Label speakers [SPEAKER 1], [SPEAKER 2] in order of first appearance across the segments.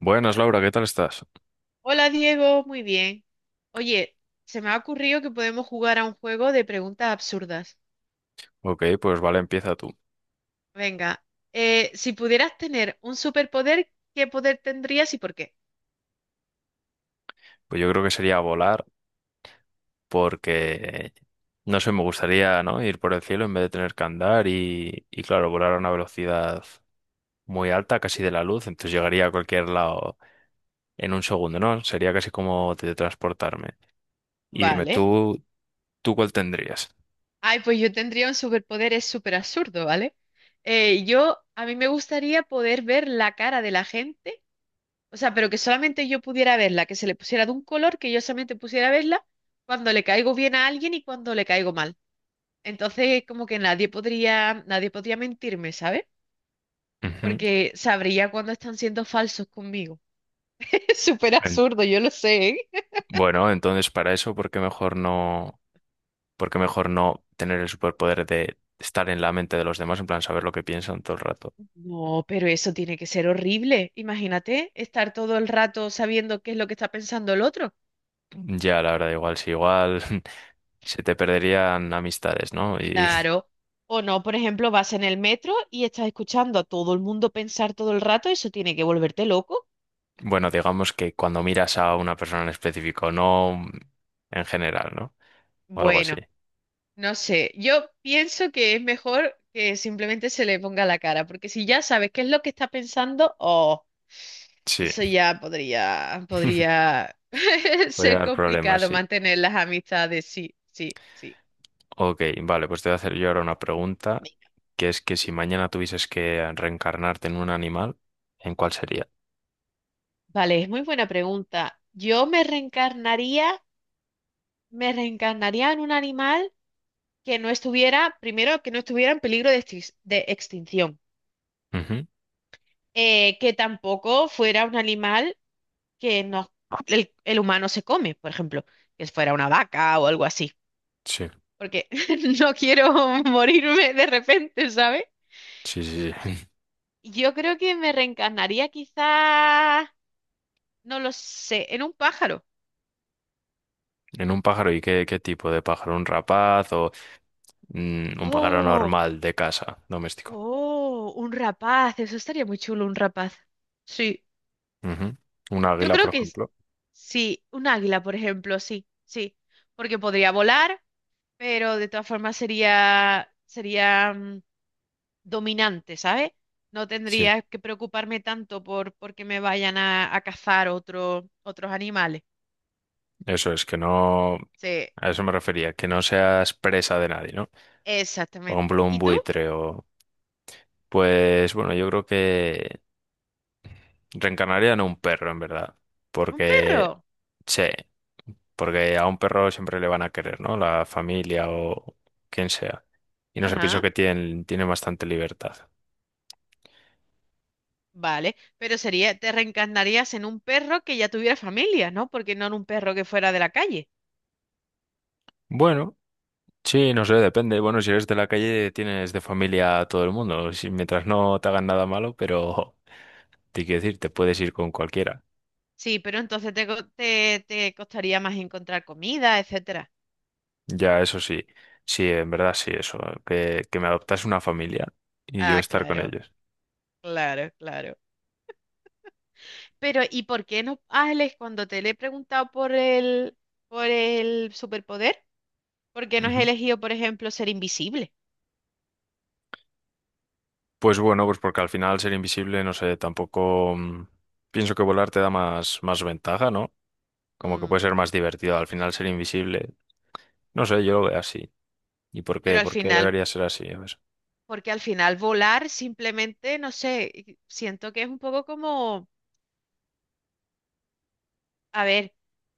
[SPEAKER 1] Buenas, Laura, ¿qué tal estás?
[SPEAKER 2] Hola Diego, muy bien. Oye, se me ha ocurrido que podemos jugar a un juego de preguntas absurdas.
[SPEAKER 1] Ok, pues vale, empieza tú.
[SPEAKER 2] Venga, si pudieras tener un superpoder, ¿qué poder tendrías y por qué?
[SPEAKER 1] Pues yo creo que sería volar porque, no sé, me gustaría, ¿no? Ir por el cielo en vez de tener que andar y claro, volar a una velocidad muy alta, casi de la luz, entonces llegaría a cualquier lado en un segundo, ¿no? Sería casi como teletransportarme. Y dime,
[SPEAKER 2] Vale.
[SPEAKER 1] ¿tú cuál tendrías?
[SPEAKER 2] Ay, pues yo tendría un superpoder, es súper absurdo, ¿vale? A mí me gustaría poder ver la cara de la gente, o sea, pero que solamente yo pudiera verla, que se le pusiera de un color, que yo solamente pudiera verla cuando le caigo bien a alguien y cuando le caigo mal. Entonces, como que nadie podría mentirme, ¿sabes?
[SPEAKER 1] Ujú.
[SPEAKER 2] Porque sabría cuando están siendo falsos conmigo. Es súper
[SPEAKER 1] En-
[SPEAKER 2] absurdo, yo lo sé, ¿eh?
[SPEAKER 1] bueno, entonces para eso, por qué mejor no tener el superpoder de estar en la mente de los demás, en plan saber lo que piensan todo el rato?
[SPEAKER 2] No, pero eso tiene que ser horrible. Imagínate estar todo el rato sabiendo qué es lo que está pensando el otro.
[SPEAKER 1] Ya, la verdad, igual, si igual se te perderían amistades, ¿no? Y
[SPEAKER 2] Claro. O no, por ejemplo, vas en el metro y estás escuchando a todo el mundo pensar todo el rato, eso tiene que volverte loco.
[SPEAKER 1] bueno, digamos que cuando miras a una persona en específico, no en general, ¿no? O algo así.
[SPEAKER 2] Bueno, no sé, yo pienso que es mejor que simplemente se le ponga la cara, porque si ya sabes qué es lo que está pensando, oh.
[SPEAKER 1] Sí,
[SPEAKER 2] Eso ya podría
[SPEAKER 1] voy a
[SPEAKER 2] ser
[SPEAKER 1] dar problemas,
[SPEAKER 2] complicado
[SPEAKER 1] sí.
[SPEAKER 2] mantener las amistades, sí, sí, sí.
[SPEAKER 1] Ok, vale, pues te voy a hacer yo ahora una pregunta,
[SPEAKER 2] Venga.
[SPEAKER 1] que es que si mañana tuvieses que reencarnarte en un animal, ¿en cuál sería?
[SPEAKER 2] Vale, es muy buena pregunta. Me reencarnaría en un animal que primero, que no estuviera en peligro de, de extinción.
[SPEAKER 1] Ujú.
[SPEAKER 2] Que tampoco fuera un animal que no, el humano se come, por ejemplo, que fuera una vaca o algo así,
[SPEAKER 1] Sí,
[SPEAKER 2] porque no quiero morirme de repente, ¿sabes?
[SPEAKER 1] sí, sí, sí.
[SPEAKER 2] Yo creo que me reencarnaría quizás, no lo sé, en un pájaro.
[SPEAKER 1] En un pájaro, ¿y qué tipo de pájaro? ¿Un rapaz o un pájaro
[SPEAKER 2] Oh,
[SPEAKER 1] normal de casa, doméstico?
[SPEAKER 2] oh, un rapaz, eso estaría muy chulo, un rapaz. Sí,
[SPEAKER 1] Ujú. Un
[SPEAKER 2] yo
[SPEAKER 1] águila,
[SPEAKER 2] creo
[SPEAKER 1] por
[SPEAKER 2] que
[SPEAKER 1] ejemplo.
[SPEAKER 2] sí, un águila, por ejemplo, sí, sí, porque podría volar, pero de todas formas sería dominante, ¿sabes? No
[SPEAKER 1] Sí,
[SPEAKER 2] tendría que preocuparme tanto por porque me vayan a cazar otros animales.
[SPEAKER 1] eso es, que no...
[SPEAKER 2] Sí,
[SPEAKER 1] A eso me refería, que no seas presa de nadie, ¿no? Por
[SPEAKER 2] exactamente.
[SPEAKER 1] ejemplo, un
[SPEAKER 2] ¿Y tú?
[SPEAKER 1] buitre o... Pues bueno, yo creo que reencarnaría en un perro, en verdad.
[SPEAKER 2] ¿Un perro?
[SPEAKER 1] Porque... Sí, porque a un perro siempre le van a querer, ¿no? La familia o quien sea. Y no sé, pienso
[SPEAKER 2] Ajá.
[SPEAKER 1] que tienen bastante libertad.
[SPEAKER 2] Vale, pero sería, te reencarnarías en un perro que ya tuviera familia, ¿no? Porque no en un perro que fuera de la calle.
[SPEAKER 1] Bueno. Sí, no sé, depende. Bueno, si eres de la calle, tienes de familia a todo el mundo. Si, mientras no te hagan nada malo, pero te quiero decir, te puedes ir con cualquiera.
[SPEAKER 2] Sí, pero entonces te costaría más encontrar comida, etcétera.
[SPEAKER 1] Ya, eso sí. Sí, en verdad sí, eso. Que me adoptas una familia y yo
[SPEAKER 2] Ah,
[SPEAKER 1] estar con
[SPEAKER 2] claro,
[SPEAKER 1] ellos.
[SPEAKER 2] claro, claro. Pero, ¿y por qué no, Ángeles, cuando te le he preguntado por por el superpoder, por qué no has
[SPEAKER 1] Ujú.
[SPEAKER 2] elegido, por ejemplo, ser invisible?
[SPEAKER 1] Pues bueno, pues porque al final ser invisible, no sé, tampoco pienso que volar te da más ventaja, ¿no? Como que
[SPEAKER 2] Mm,
[SPEAKER 1] puede ser más divertido. Al final ser invisible, no sé, yo lo veo así. ¿Y por
[SPEAKER 2] pero
[SPEAKER 1] qué?
[SPEAKER 2] al
[SPEAKER 1] ¿Por qué
[SPEAKER 2] final,
[SPEAKER 1] debería ser así? A ver.
[SPEAKER 2] porque al final volar simplemente, no sé, siento que es un poco como... A ver,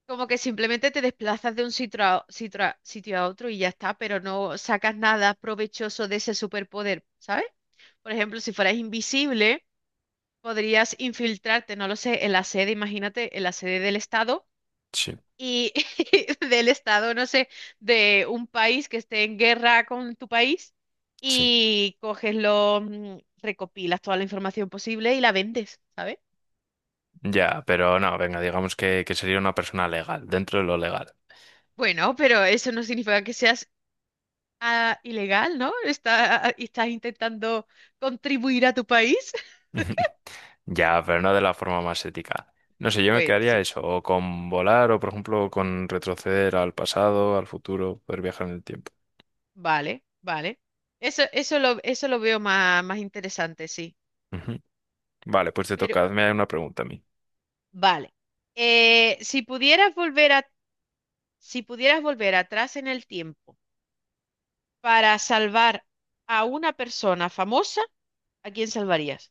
[SPEAKER 2] como que simplemente te desplazas de un sitio a otro y ya está, pero no sacas nada provechoso de ese superpoder, ¿sabes? Por ejemplo, si fueras invisible, podrías infiltrarte, no lo sé, en la sede, imagínate, en la sede del Estado
[SPEAKER 1] Sí,
[SPEAKER 2] y del Estado, no sé, de un país que esté en guerra con tu país
[SPEAKER 1] sí.
[SPEAKER 2] y coges lo, mm, recopilas toda la información posible y la vendes, ¿sabes?
[SPEAKER 1] Ya, pero no, venga, digamos que sería una persona legal, dentro de lo legal.
[SPEAKER 2] Bueno, pero eso no significa que seas ah, ilegal, ¿no? Estás intentando contribuir a tu país.
[SPEAKER 1] Ya, pero no de la forma más ética. No sé, yo me
[SPEAKER 2] Bueno,
[SPEAKER 1] quedaría
[SPEAKER 2] sí,
[SPEAKER 1] eso, o con volar, o por ejemplo con retroceder al pasado, al futuro, poder viajar en el tiempo.
[SPEAKER 2] vale, vale. Eso, eso lo veo más, más interesante, sí.
[SPEAKER 1] Ujú. Vale, pues te
[SPEAKER 2] Pero,
[SPEAKER 1] toca, hazme una pregunta a mí.
[SPEAKER 2] vale. Eh, si pudieras volver a, si pudieras volver atrás en el tiempo para salvar a una persona famosa, ¿a quién salvarías?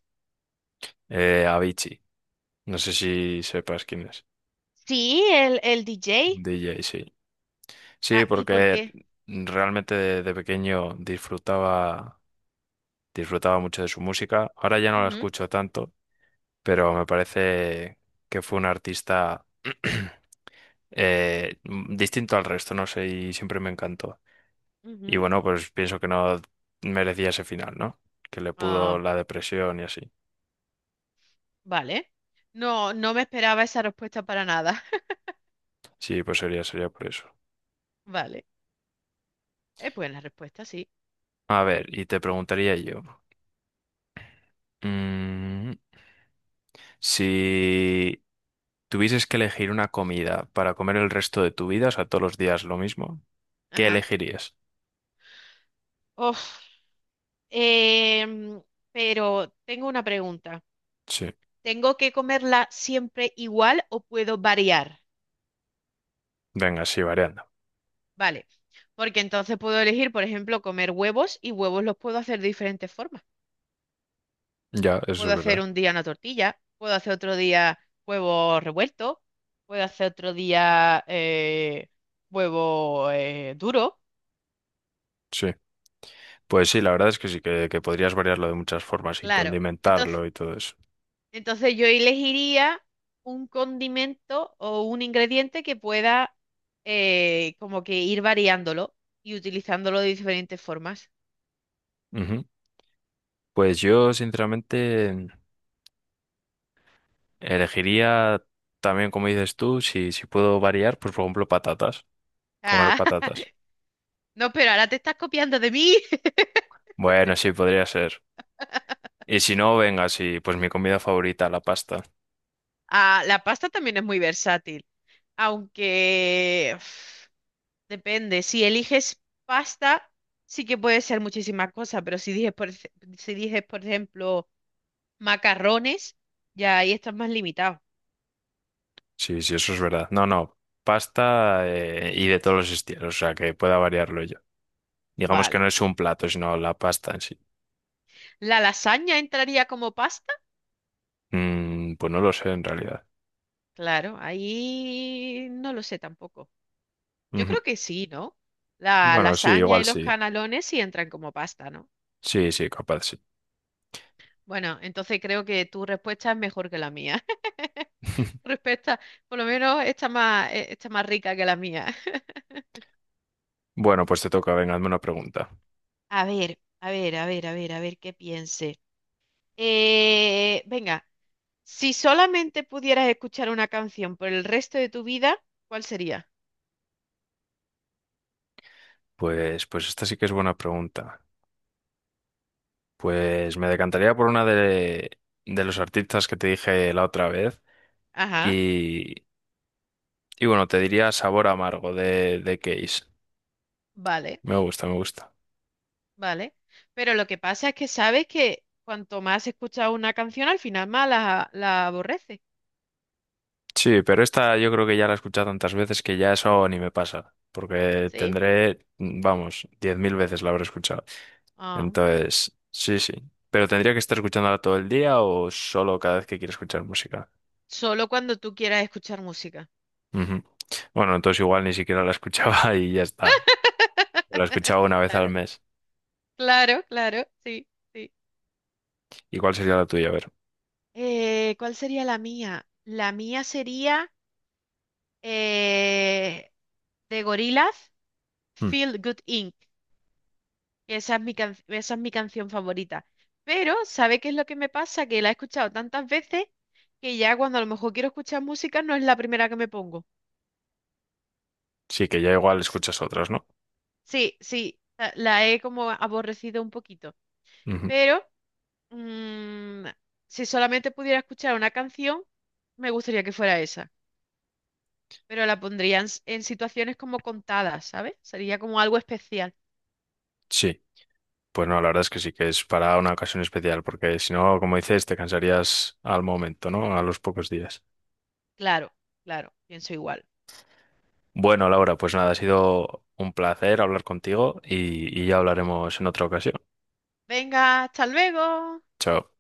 [SPEAKER 1] Avicii, no sé si sepas quién es.
[SPEAKER 2] Sí, el DJ.
[SPEAKER 1] DJ sí. Sí,
[SPEAKER 2] Ah, ¿y por
[SPEAKER 1] porque
[SPEAKER 2] qué?
[SPEAKER 1] realmente de pequeño disfrutaba, disfrutaba mucho de su música. Ahora ya no la
[SPEAKER 2] Ujú,
[SPEAKER 1] escucho tanto, pero me parece que fue un artista distinto al resto, no sé, y siempre me encantó. Y
[SPEAKER 2] ujú.
[SPEAKER 1] bueno, pues pienso que no merecía ese final, ¿no? Que le pudo
[SPEAKER 2] Ah,
[SPEAKER 1] la depresión y así.
[SPEAKER 2] vale. No, no me esperaba esa respuesta para nada.
[SPEAKER 1] Sí, pues sería, sería por eso.
[SPEAKER 2] Vale. Es buena respuesta, sí.
[SPEAKER 1] A ver, y te preguntaría yo, mm, si tuvieses que elegir una comida para comer el resto de tu vida, o sea, todos los días lo mismo, ¿qué
[SPEAKER 2] Ajá.
[SPEAKER 1] elegirías?
[SPEAKER 2] Uf, em, pero tengo una pregunta.
[SPEAKER 1] Sí,
[SPEAKER 2] ¿Tengo que comerla siempre igual o puedo variar?
[SPEAKER 1] venga, sí, variando.
[SPEAKER 2] Vale, porque entonces puedo elegir, por ejemplo, comer huevos y huevos los puedo hacer de diferentes formas.
[SPEAKER 1] Ya, eso
[SPEAKER 2] Puedo
[SPEAKER 1] es
[SPEAKER 2] hacer
[SPEAKER 1] verdad.
[SPEAKER 2] un día una tortilla, puedo hacer otro día huevos revueltos, puedo hacer otro día huevo duro.
[SPEAKER 1] Sí. Pues sí, la verdad es que sí, que podrías variarlo de muchas formas y
[SPEAKER 2] Claro. Entonces.
[SPEAKER 1] condimentarlo y todo eso.
[SPEAKER 2] Entonces yo elegiría un condimento o un ingrediente que pueda como que ir variándolo y utilizándolo de diferentes formas.
[SPEAKER 1] Ujú. Pues yo, sinceramente, elegiría también, como dices tú, si puedo variar, pues por ejemplo, patatas, comer
[SPEAKER 2] Ah,
[SPEAKER 1] patatas.
[SPEAKER 2] no, pero ahora te estás copiando de mí.
[SPEAKER 1] Bueno, sí, podría ser. Y si no, venga, sí, pues mi comida favorita, la pasta.
[SPEAKER 2] Ah, la pasta también es muy versátil, aunque uf, depende. Si eliges pasta, sí que puede ser muchísimas cosas, pero si dices, si dices, por ejemplo, macarrones, ya ahí estás más limitado.
[SPEAKER 1] Sí, sí, eso es verdad. No, no, pasta y de todos los estilos, o sea, que pueda variarlo yo. Digamos que
[SPEAKER 2] Vale.
[SPEAKER 1] no es un plato, sino la pasta en sí.
[SPEAKER 2] ¿La lasaña entraría como pasta?
[SPEAKER 1] Mm, pues no lo sé en realidad.
[SPEAKER 2] Claro, ahí no lo sé tampoco. Yo
[SPEAKER 1] Ujú.
[SPEAKER 2] creo que sí, ¿no? La
[SPEAKER 1] Bueno, sí,
[SPEAKER 2] lasaña y
[SPEAKER 1] igual
[SPEAKER 2] los
[SPEAKER 1] sí.
[SPEAKER 2] canelones sí entran como pasta, ¿no?
[SPEAKER 1] Sí, sí, capaz, sí.
[SPEAKER 2] Bueno, entonces creo que tu respuesta es mejor que la mía. Tu respuesta, por lo menos está más rica que la mía.
[SPEAKER 1] Bueno, pues te toca, venga, hazme una pregunta.
[SPEAKER 2] A ver, a ver, a ver, a ver, a ver qué piense. Venga, si solamente pudieras escuchar una canción por el resto de tu vida, ¿cuál sería?
[SPEAKER 1] Pues, pues esta sí que es buena pregunta. Pues me decantaría por una de los artistas que te dije la otra vez.
[SPEAKER 2] Ajá,
[SPEAKER 1] Y, y bueno, te diría Sabor Amargo de Case.
[SPEAKER 2] vale.
[SPEAKER 1] Me gusta, me gusta.
[SPEAKER 2] Vale, pero lo que pasa es que sabes que cuanto más escuchas una canción, al final más la aborreces,
[SPEAKER 1] Sí, pero esta yo creo que ya la he escuchado tantas veces que ya eso ni me pasa. Porque
[SPEAKER 2] ¿sí?
[SPEAKER 1] tendré, vamos, 10.000 veces la habré escuchado.
[SPEAKER 2] Ah,
[SPEAKER 1] Entonces, sí, sí. Pero tendría que estar escuchándola todo el día o solo cada vez que quiero escuchar música.
[SPEAKER 2] solo cuando tú quieras escuchar música.
[SPEAKER 1] Ujú. Bueno, entonces igual ni siquiera la escuchaba y ya está. La escuchaba una vez al
[SPEAKER 2] Claro,
[SPEAKER 1] mes.
[SPEAKER 2] claro, claro, sí, sí.
[SPEAKER 1] ¿Y cuál sería la tuya? A ver.
[SPEAKER 2] ¿Cuál sería la mía? La mía sería eh, de Gorillaz,
[SPEAKER 1] Mm.
[SPEAKER 2] Feel Good Inc. Esa es mi esa es mi canción favorita. Pero, ¿sabe qué es lo que me pasa? Que la he escuchado tantas veces que ya cuando a lo mejor quiero escuchar música no es la primera que me pongo.
[SPEAKER 1] Sí, que ya igual escuchas otras, ¿no?
[SPEAKER 2] Sí, sí, la he como aborrecido un poquito.
[SPEAKER 1] Ujú.
[SPEAKER 2] Pero, mm, si solamente pudiera escuchar una canción, me gustaría que fuera esa. Pero la pondría en, en situaciones como contadas, ¿sabes? Sería como algo especial.
[SPEAKER 1] Sí. Pues no, la verdad es que sí, que es para una ocasión especial, porque si no, como dices, te cansarías al momento, ¿no? A los pocos días.
[SPEAKER 2] Claro, claro, pienso igual.
[SPEAKER 1] Bueno, Laura, pues nada, ha sido un placer hablar contigo y ya hablaremos en otra ocasión.
[SPEAKER 2] Venga, hasta luego.
[SPEAKER 1] Chao.